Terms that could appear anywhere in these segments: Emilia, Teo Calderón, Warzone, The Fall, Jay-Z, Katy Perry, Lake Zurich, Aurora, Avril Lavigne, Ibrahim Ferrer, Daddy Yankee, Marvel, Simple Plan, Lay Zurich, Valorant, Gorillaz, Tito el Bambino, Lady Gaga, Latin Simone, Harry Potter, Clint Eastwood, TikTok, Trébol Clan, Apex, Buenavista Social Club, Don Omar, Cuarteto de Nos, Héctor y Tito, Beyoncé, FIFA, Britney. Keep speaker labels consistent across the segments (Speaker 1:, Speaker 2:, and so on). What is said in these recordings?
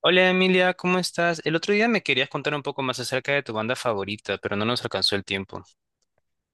Speaker 1: Hola Emilia, ¿cómo estás? El otro día me querías contar un poco más acerca de tu banda favorita, pero no nos alcanzó el tiempo.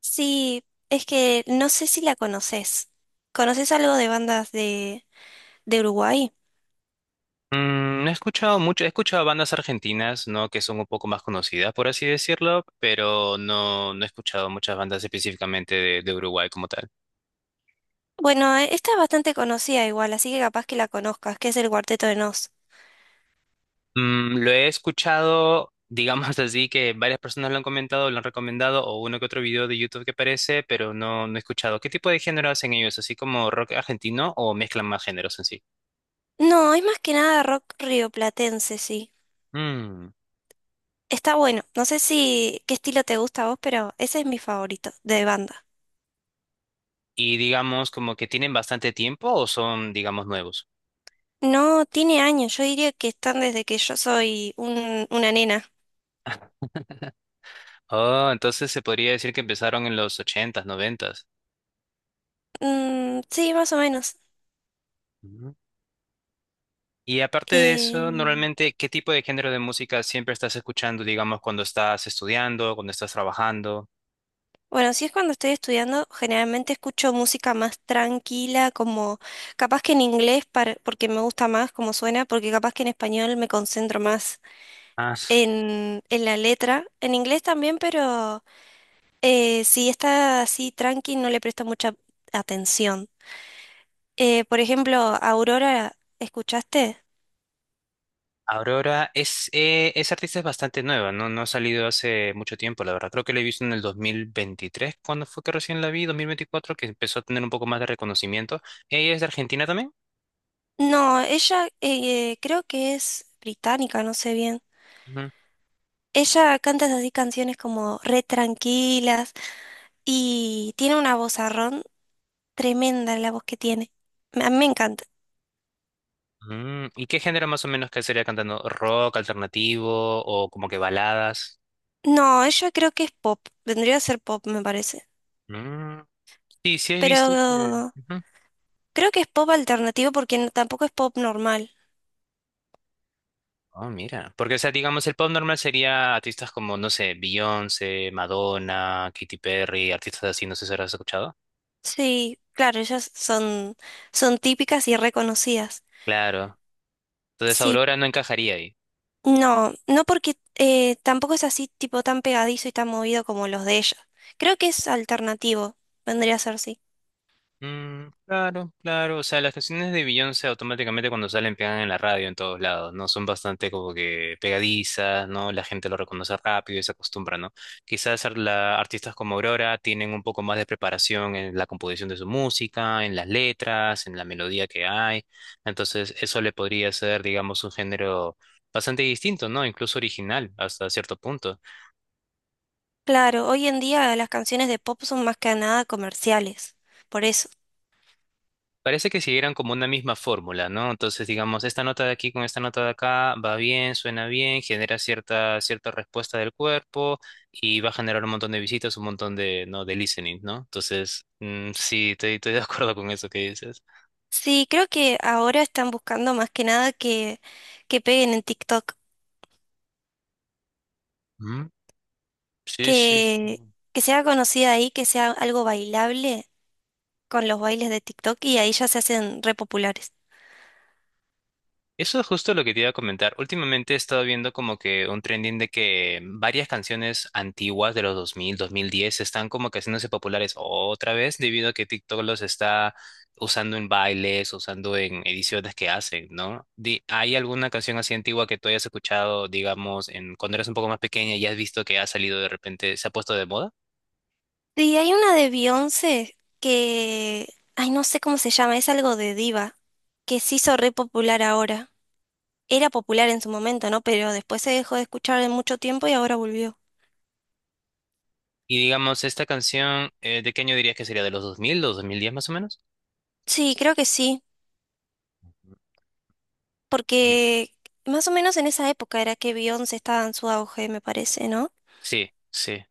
Speaker 2: Sí, es que no sé si la conoces. ¿Conoces algo de bandas de Uruguay?
Speaker 1: Mm, no he escuchado mucho, he escuchado bandas argentinas, ¿no? Que son un poco más conocidas, por así decirlo, pero no, no he escuchado muchas bandas específicamente de Uruguay como tal.
Speaker 2: Bueno, esta es bastante conocida igual, así que capaz que la conozcas, que es el Cuarteto de Nos.
Speaker 1: Mm, lo he escuchado, digamos así, que varias personas lo han comentado, lo han recomendado, o uno que otro video de YouTube que aparece, pero no, no he escuchado. ¿Qué tipo de género hacen ellos? ¿Así como rock argentino o mezclan más géneros en
Speaker 2: No, es más que nada rock rioplatense, sí.
Speaker 1: sí?
Speaker 2: Está bueno. No sé si qué estilo te gusta a vos, pero ese es mi favorito de banda.
Speaker 1: Y digamos como que tienen bastante tiempo o son, digamos, nuevos.
Speaker 2: No, tiene años. Yo diría que están desde que yo soy una nena.
Speaker 1: Oh, entonces se podría decir que empezaron en los ochentas, noventas.
Speaker 2: Mm, sí, más o menos.
Speaker 1: Ujú. Y aparte de
Speaker 2: Eh,
Speaker 1: eso, normalmente, ¿qué tipo de género de música siempre estás escuchando, digamos, cuando estás estudiando, cuando estás trabajando?
Speaker 2: Bueno, si es cuando estoy estudiando, generalmente escucho música más tranquila, como capaz que en inglés, porque me gusta más cómo suena, porque capaz que en español me concentro más
Speaker 1: Ah,
Speaker 2: en la letra. En inglés también, pero si está así tranqui, no le presto mucha atención. Por ejemplo, Aurora, ¿escuchaste?
Speaker 1: Aurora es, esa artista es bastante nueva, ¿no? No ha salido hace mucho tiempo, la verdad. Creo que la he visto en el 2023, cuando fue que recién la vi, 2024, que empezó a tener un poco más de reconocimiento. ¿Ella es de Argentina también?
Speaker 2: No, ella creo que es británica, no sé bien. Ella canta así canciones como re tranquilas. Y tiene una vozarrón tremenda la voz que tiene. A mí me encanta.
Speaker 1: Mm, ¿y qué género más o menos que sería cantando? ¿Rock, alternativo o como que baladas?
Speaker 2: No, ella creo que es pop. Vendría a ser pop, me parece.
Speaker 1: Mm, sí, sí he
Speaker 2: Pero
Speaker 1: visto que ujú.
Speaker 2: creo que es pop alternativo porque tampoco es pop normal.
Speaker 1: Oh, mira. Porque, o sea, digamos, el pop normal sería artistas como, no sé, Beyoncé, Madonna, Katy Perry, artistas así, no sé si habrás escuchado.
Speaker 2: Sí, claro, son típicas y reconocidas.
Speaker 1: Claro. Entonces
Speaker 2: Sí,
Speaker 1: Aurora no encajaría ahí.
Speaker 2: no, no porque tampoco es así tipo tan pegadizo y tan movido como los de ella. Creo que es alternativo, vendría a ser sí.
Speaker 1: Mm, claro, claro. O sea, las canciones de Beyoncé automáticamente cuando salen pegan en la radio en todos lados, ¿no? Son bastante como que pegadizas, ¿no? La gente lo reconoce rápido y se acostumbra, ¿no? Quizás ar- la- artistas como Aurora tienen un poco más de preparación en la composición de su música, en las letras, en la melodía que hay. Entonces, eso le podría ser, digamos, un género bastante distinto, ¿no? Incluso original hasta cierto punto.
Speaker 2: Claro, hoy en día las canciones de pop son más que nada comerciales, por eso.
Speaker 1: Parece que siguieran como una misma fórmula, ¿no? Entonces, digamos, esta nota de aquí con esta nota de acá va bien, suena bien, genera cierta respuesta del cuerpo y va a generar un montón de visitas, un montón de, ¿no? de listening, ¿no? Entonces, mm, sí, estoy de acuerdo con eso que dices.
Speaker 2: Sí, creo que ahora están buscando más que nada que peguen en TikTok,
Speaker 1: Ujú. Sí, sí, sí.
Speaker 2: que, que sea conocida ahí, que sea algo bailable con los bailes de TikTok y ahí ya se hacen re populares.
Speaker 1: Eso es justo lo que te iba a comentar. Últimamente he estado viendo como que un trending de que varias canciones antiguas de los 2000, 2010 están como que haciéndose populares otra vez debido a que TikTok los está usando en bailes, usando en ediciones que hacen, ¿no? Di- ¿Hay alguna canción así antigua que tú hayas escuchado, digamos, en cuando eras un poco más pequeña y has visto que ha salido de repente, se ha puesto de moda?
Speaker 2: Sí, hay una de Beyoncé que, ay, no sé cómo se llama, es algo de diva, que se hizo re popular ahora. Era popular en su momento, ¿no? Pero después se dejó de escuchar en mucho tiempo y ahora volvió.
Speaker 1: Y digamos, esta canción, ¿de qué año dirías que sería? ¿De los 2000, los 2010 más o menos?
Speaker 2: Sí, creo que sí,
Speaker 1: Ye-
Speaker 2: porque más o menos en esa época era que Beyoncé estaba en su auge, me parece, ¿no?
Speaker 1: Sí, sí.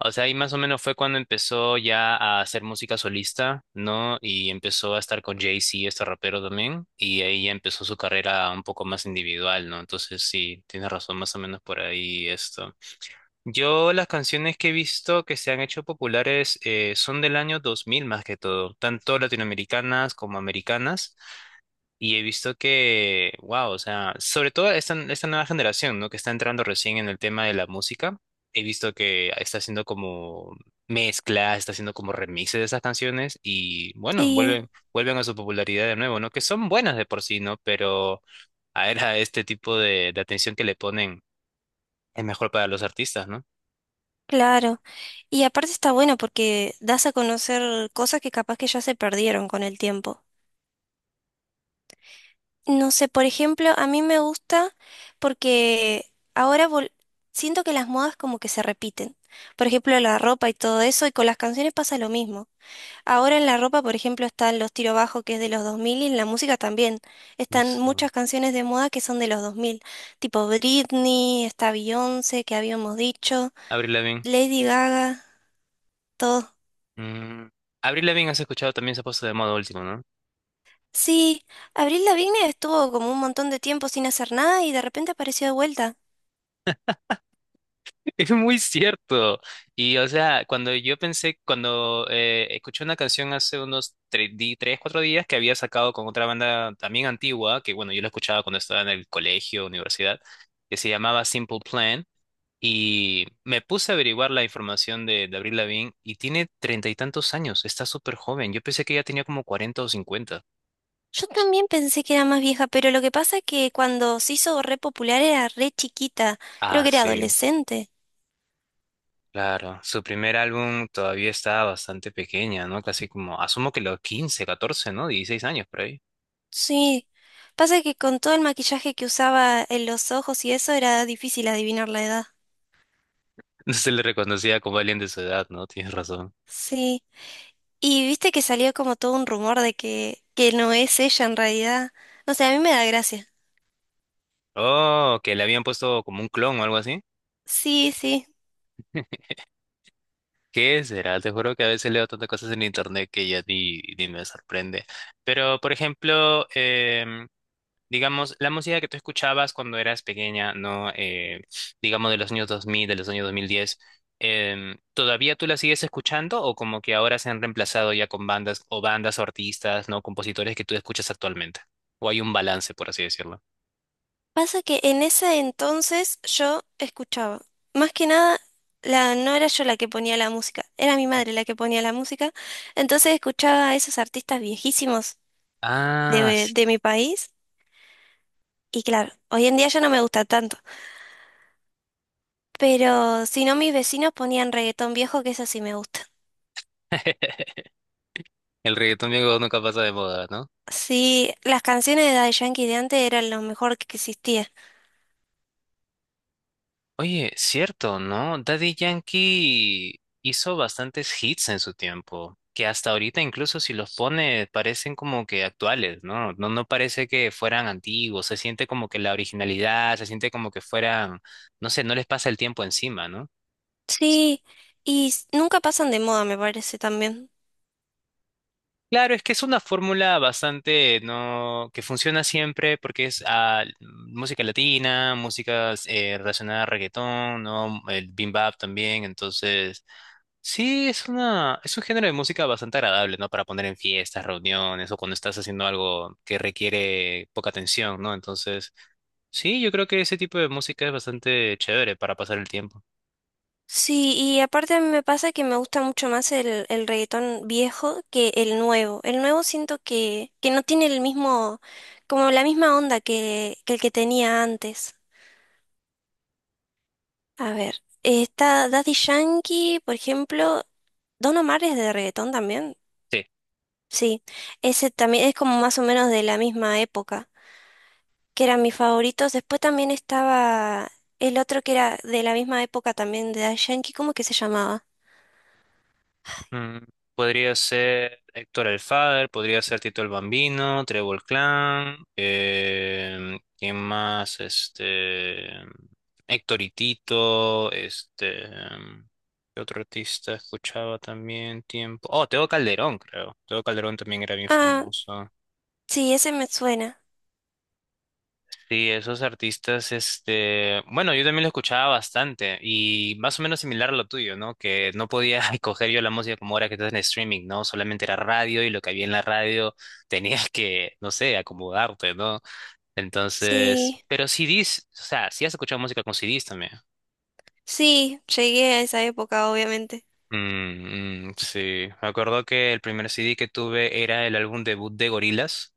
Speaker 1: O sea, ahí más o menos fue cuando empezó ya a hacer música solista, ¿no? Y empezó a estar con Jay-Z, este rapero también, y ahí ya empezó su carrera un poco más individual, ¿no? Entonces sí, tienes razón, más o menos por ahí esto. Yo las canciones que he visto que se han hecho populares son del año 2000 más que todo, tanto latinoamericanas como americanas. Y he visto que, wow, o sea, esta nueva generación, ¿no? Que está entrando recién en el tema de la música. He visto que está haciendo como mezclas, está haciendo como remixes de esas canciones y bueno,
Speaker 2: Sí,
Speaker 1: vuelven a su popularidad de nuevo, ¿no? Que son buenas de por sí, ¿no? Pero a ver, a este tipo de atención que le ponen es mejor para los artistas, ¿no?
Speaker 2: claro. Y aparte está bueno porque das a conocer cosas que capaz que ya se perdieron con el tiempo. No sé, por ejemplo, a mí me gusta porque ahora vol- siento que las modas como que se repiten. Por ejemplo, la ropa y todo eso, y con las canciones pasa lo mismo. Ahora en la ropa, por ejemplo, están los tiro bajo que es de los 2000 y en la música también. Están
Speaker 1: Eso.
Speaker 2: muchas canciones de moda que son de los 2000. Tipo Britney, está Beyoncé, que habíamos dicho,
Speaker 1: Avril Lavigne.
Speaker 2: Lady Gaga, todo.
Speaker 1: Mm, Avril Lavigne has escuchado también se ha puesto de moda último, ¿no?
Speaker 2: Sí, Abril Lavigne estuvo como un montón de tiempo sin hacer nada y de repente apareció de vuelta.
Speaker 1: Es muy cierto. Y o sea, cuando yo pensé, cuando escuché una canción hace unos tres cuatro días que había sacado con otra banda también antigua, que bueno, yo la escuchaba cuando estaba en el colegio, universidad, que se llamaba Simple Plan, y me puse a averiguar la información de Avril Lavigne y tiene 30 y tantos años, está súper joven. Yo pensé que ya tenía como cuarenta o cincuenta.
Speaker 2: Yo también pensé que era más vieja, pero lo que pasa es que cuando se hizo re popular era re chiquita, creo
Speaker 1: Ah,
Speaker 2: que era
Speaker 1: sí.
Speaker 2: adolescente.
Speaker 1: Claro, su primer álbum todavía estaba bastante pequeña, ¿no? Casi como, asumo que los 15, 14, ¿no? 16 años por ahí.
Speaker 2: Sí, pasa que con todo el maquillaje que usaba en los ojos y eso era difícil adivinar la edad.
Speaker 1: No se le reconocía como alguien de su edad, ¿no? Tienes razón.
Speaker 2: Sí, y viste que salió como todo un rumor de que no es ella en realidad. No sé, a mí me da gracia.
Speaker 1: Oh, que le habían puesto como un clon o algo así.
Speaker 2: Sí, sí.
Speaker 1: ¿Qué será? Te juro que a veces leo tantas cosas en internet que ya ni me sorprende. Pero, por ejemplo, digamos, la música que tú escuchabas cuando eras pequeña, ¿no? Digamos de los años 2000, de los años 2010, ¿todavía tú la sigues escuchando o como que ahora se han reemplazado ya con bandas o artistas, ¿no? Compositores que tú escuchas actualmente? ¿O hay un balance, por así decirlo?
Speaker 2: Pasa que en ese entonces yo escuchaba, más que nada, no era yo la que ponía la música, era mi madre la que ponía la música, entonces escuchaba a esos artistas viejísimos
Speaker 1: Ah,
Speaker 2: de mi país y claro, hoy en día ya no me gusta tanto, pero si no mis vecinos ponían reggaetón viejo, que eso sí me gusta.
Speaker 1: el reggaetón viejo nunca pasa de moda, ¿no?
Speaker 2: Sí, las canciones de Daddy Yankee de antes eran lo mejor que existía.
Speaker 1: Oye, cierto, ¿no? Daddy Yankee hizo bastantes hits en su tiempo, que hasta ahorita incluso si los pone parecen como que actuales, ¿no? No, no parece que fueran antiguos, se siente como que la originalidad, se siente como que fueran, no sé, no les pasa el tiempo encima, ¿no?
Speaker 2: Sí, nunca pasan de moda, me parece también.
Speaker 1: Claro, es que es una fórmula bastante, ¿no? que funciona siempre porque es ah, música latina, música relacionada a reggaetón, ¿no? El bebop también, entonces. Sí, es un género de música bastante agradable, ¿no? Para poner en fiestas, reuniones o cuando estás haciendo algo que requiere poca atención, ¿no? Entonces, sí, yo creo que ese tipo de música es bastante chévere para pasar el tiempo.
Speaker 2: Sí, y aparte a mí me pasa que me gusta mucho más el reggaetón viejo que el nuevo. El nuevo siento que no tiene el mismo, como la misma onda que el que tenía antes. A ver, está Daddy Yankee, por ejemplo, Don Omar es de reggaetón también.
Speaker 1: Sí.
Speaker 2: Sí, ese también es como más o menos de la misma época, que eran mis favoritos. Después también estaba el otro que era de la misma época también de Daddy Yankee, ¿cómo que se llamaba?
Speaker 1: Mm, podría ser Héctor el Father, podría ser Tito el Bambino, Trébol Clan, ¿quién más? Este, Héctor y Tito, ¿qué otro artista escuchaba también tiempo? Oh, Teo Calderón, creo. Teo Calderón también era bien
Speaker 2: Ah,
Speaker 1: famoso.
Speaker 2: sí, ese me suena.
Speaker 1: Sí, esos artistas, este, bueno, yo también lo escuchaba bastante y más o menos similar a lo tuyo, ¿no? Que no podía coger yo la música como ahora que estás en streaming, ¿no? Solamente era radio y lo que había en la radio tenías que, no sé, acomodarte, ¿no? Entonces,
Speaker 2: Sí,
Speaker 1: pero CDs, o sea, sí has escuchado música con CDs también.
Speaker 2: sí, llegué a esa época, obviamente.
Speaker 1: Mm, mm, sí, me acuerdo que el primer CD que tuve era el álbum debut de Gorillaz.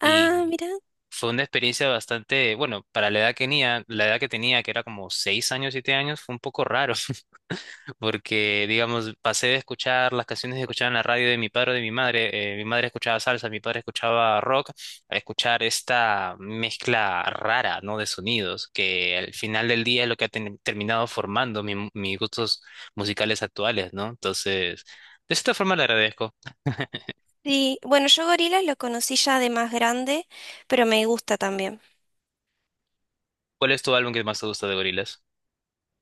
Speaker 2: Ah,
Speaker 1: Y
Speaker 2: mira.
Speaker 1: fue una experiencia bastante, bueno, para la edad que tenía, que era como seis años, siete años, fue un poco raro, porque, digamos, pasé de escuchar las canciones que escuchaba en la radio de mi padre o de mi madre escuchaba salsa, mi padre escuchaba rock, a escuchar esta mezcla rara, ¿no? De sonidos, que al final del día es lo que ha terminado formando mis gustos musicales actuales, ¿no? Entonces, de cierta forma le agradezco.
Speaker 2: Sí, bueno, yo Gorillaz lo conocí ya de más grande, pero me gusta también.
Speaker 1: ¿Cuál es tu álbum que más te gusta de Gorillaz?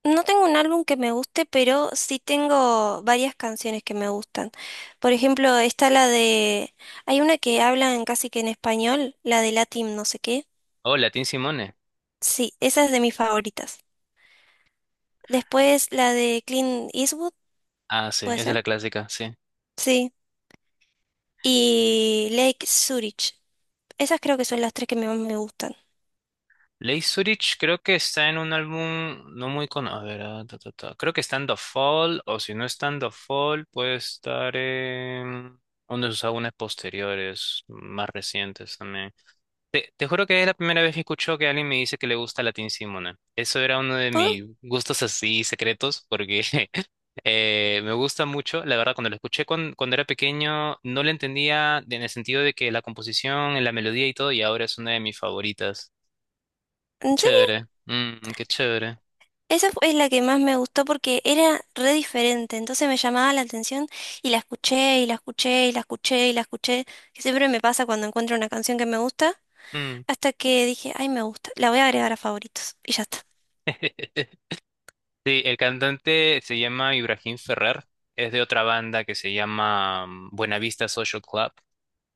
Speaker 2: No tengo un álbum que me guste, pero sí tengo varias canciones que me gustan. Por ejemplo, está la de... Hay una que hablan casi que en español, la de Latin no sé qué.
Speaker 1: Hola, Latín Simone.
Speaker 2: Sí, esa es de mis favoritas. Después la de Clint Eastwood,
Speaker 1: Ah, sí,
Speaker 2: ¿puede
Speaker 1: esa es
Speaker 2: ser?
Speaker 1: la clásica, sí.
Speaker 2: Sí. Y Lake Zurich. Esas creo que son las tres más me gustan.
Speaker 1: Lay Zurich creo que está en un álbum no muy conocido. A ver, ah, ta, ta, ta. Creo que está en The Fall, o si no está en The Fall, puede estar en uno de sus álbumes posteriores, más recientes también. Te juro que es la primera vez que escucho que alguien me dice que le gusta Latin Simona. Eso era uno de mis gustos así secretos, porque me gusta mucho. La verdad, cuando lo escuché cuando, era pequeño, no lo entendía en el sentido de que la composición, la melodía y todo, y ahora es una de mis favoritas. Qué
Speaker 2: En serio,
Speaker 1: chévere. Mm, qué chévere.
Speaker 2: es la que más me gustó porque era re diferente, entonces me llamaba la atención y la escuché y la escuché y la escuché y la escuché, que siempre me pasa cuando encuentro una canción que me gusta,
Speaker 1: Mm.
Speaker 2: hasta que dije, ay, me gusta, la voy a agregar a favoritos y ya está.
Speaker 1: Sí, el cantante se llama Ibrahim Ferrer. Es de otra banda que se llama mm, Buenavista Social Club,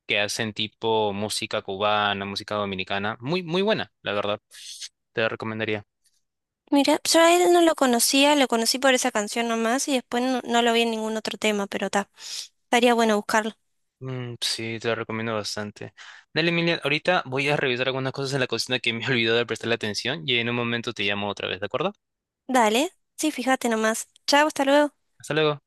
Speaker 1: que hacen tipo música cubana, música dominicana. Muy, muy buena, la verdad. Te la recomendaría.
Speaker 2: Mira, yo a él no lo conocía, lo conocí por esa canción nomás y después no, no lo vi en ningún otro tema, pero ta, estaría bueno buscarlo.
Speaker 1: Mm, sí, te la recomiendo bastante. Dale, Emilia, ahorita voy a revisar algunas cosas en la cocina que me he olvidado de prestarle atención y en un momento te llamo otra vez, ¿de acuerdo?
Speaker 2: Dale, sí, fíjate nomás. Chao, hasta luego.
Speaker 1: Hasta luego.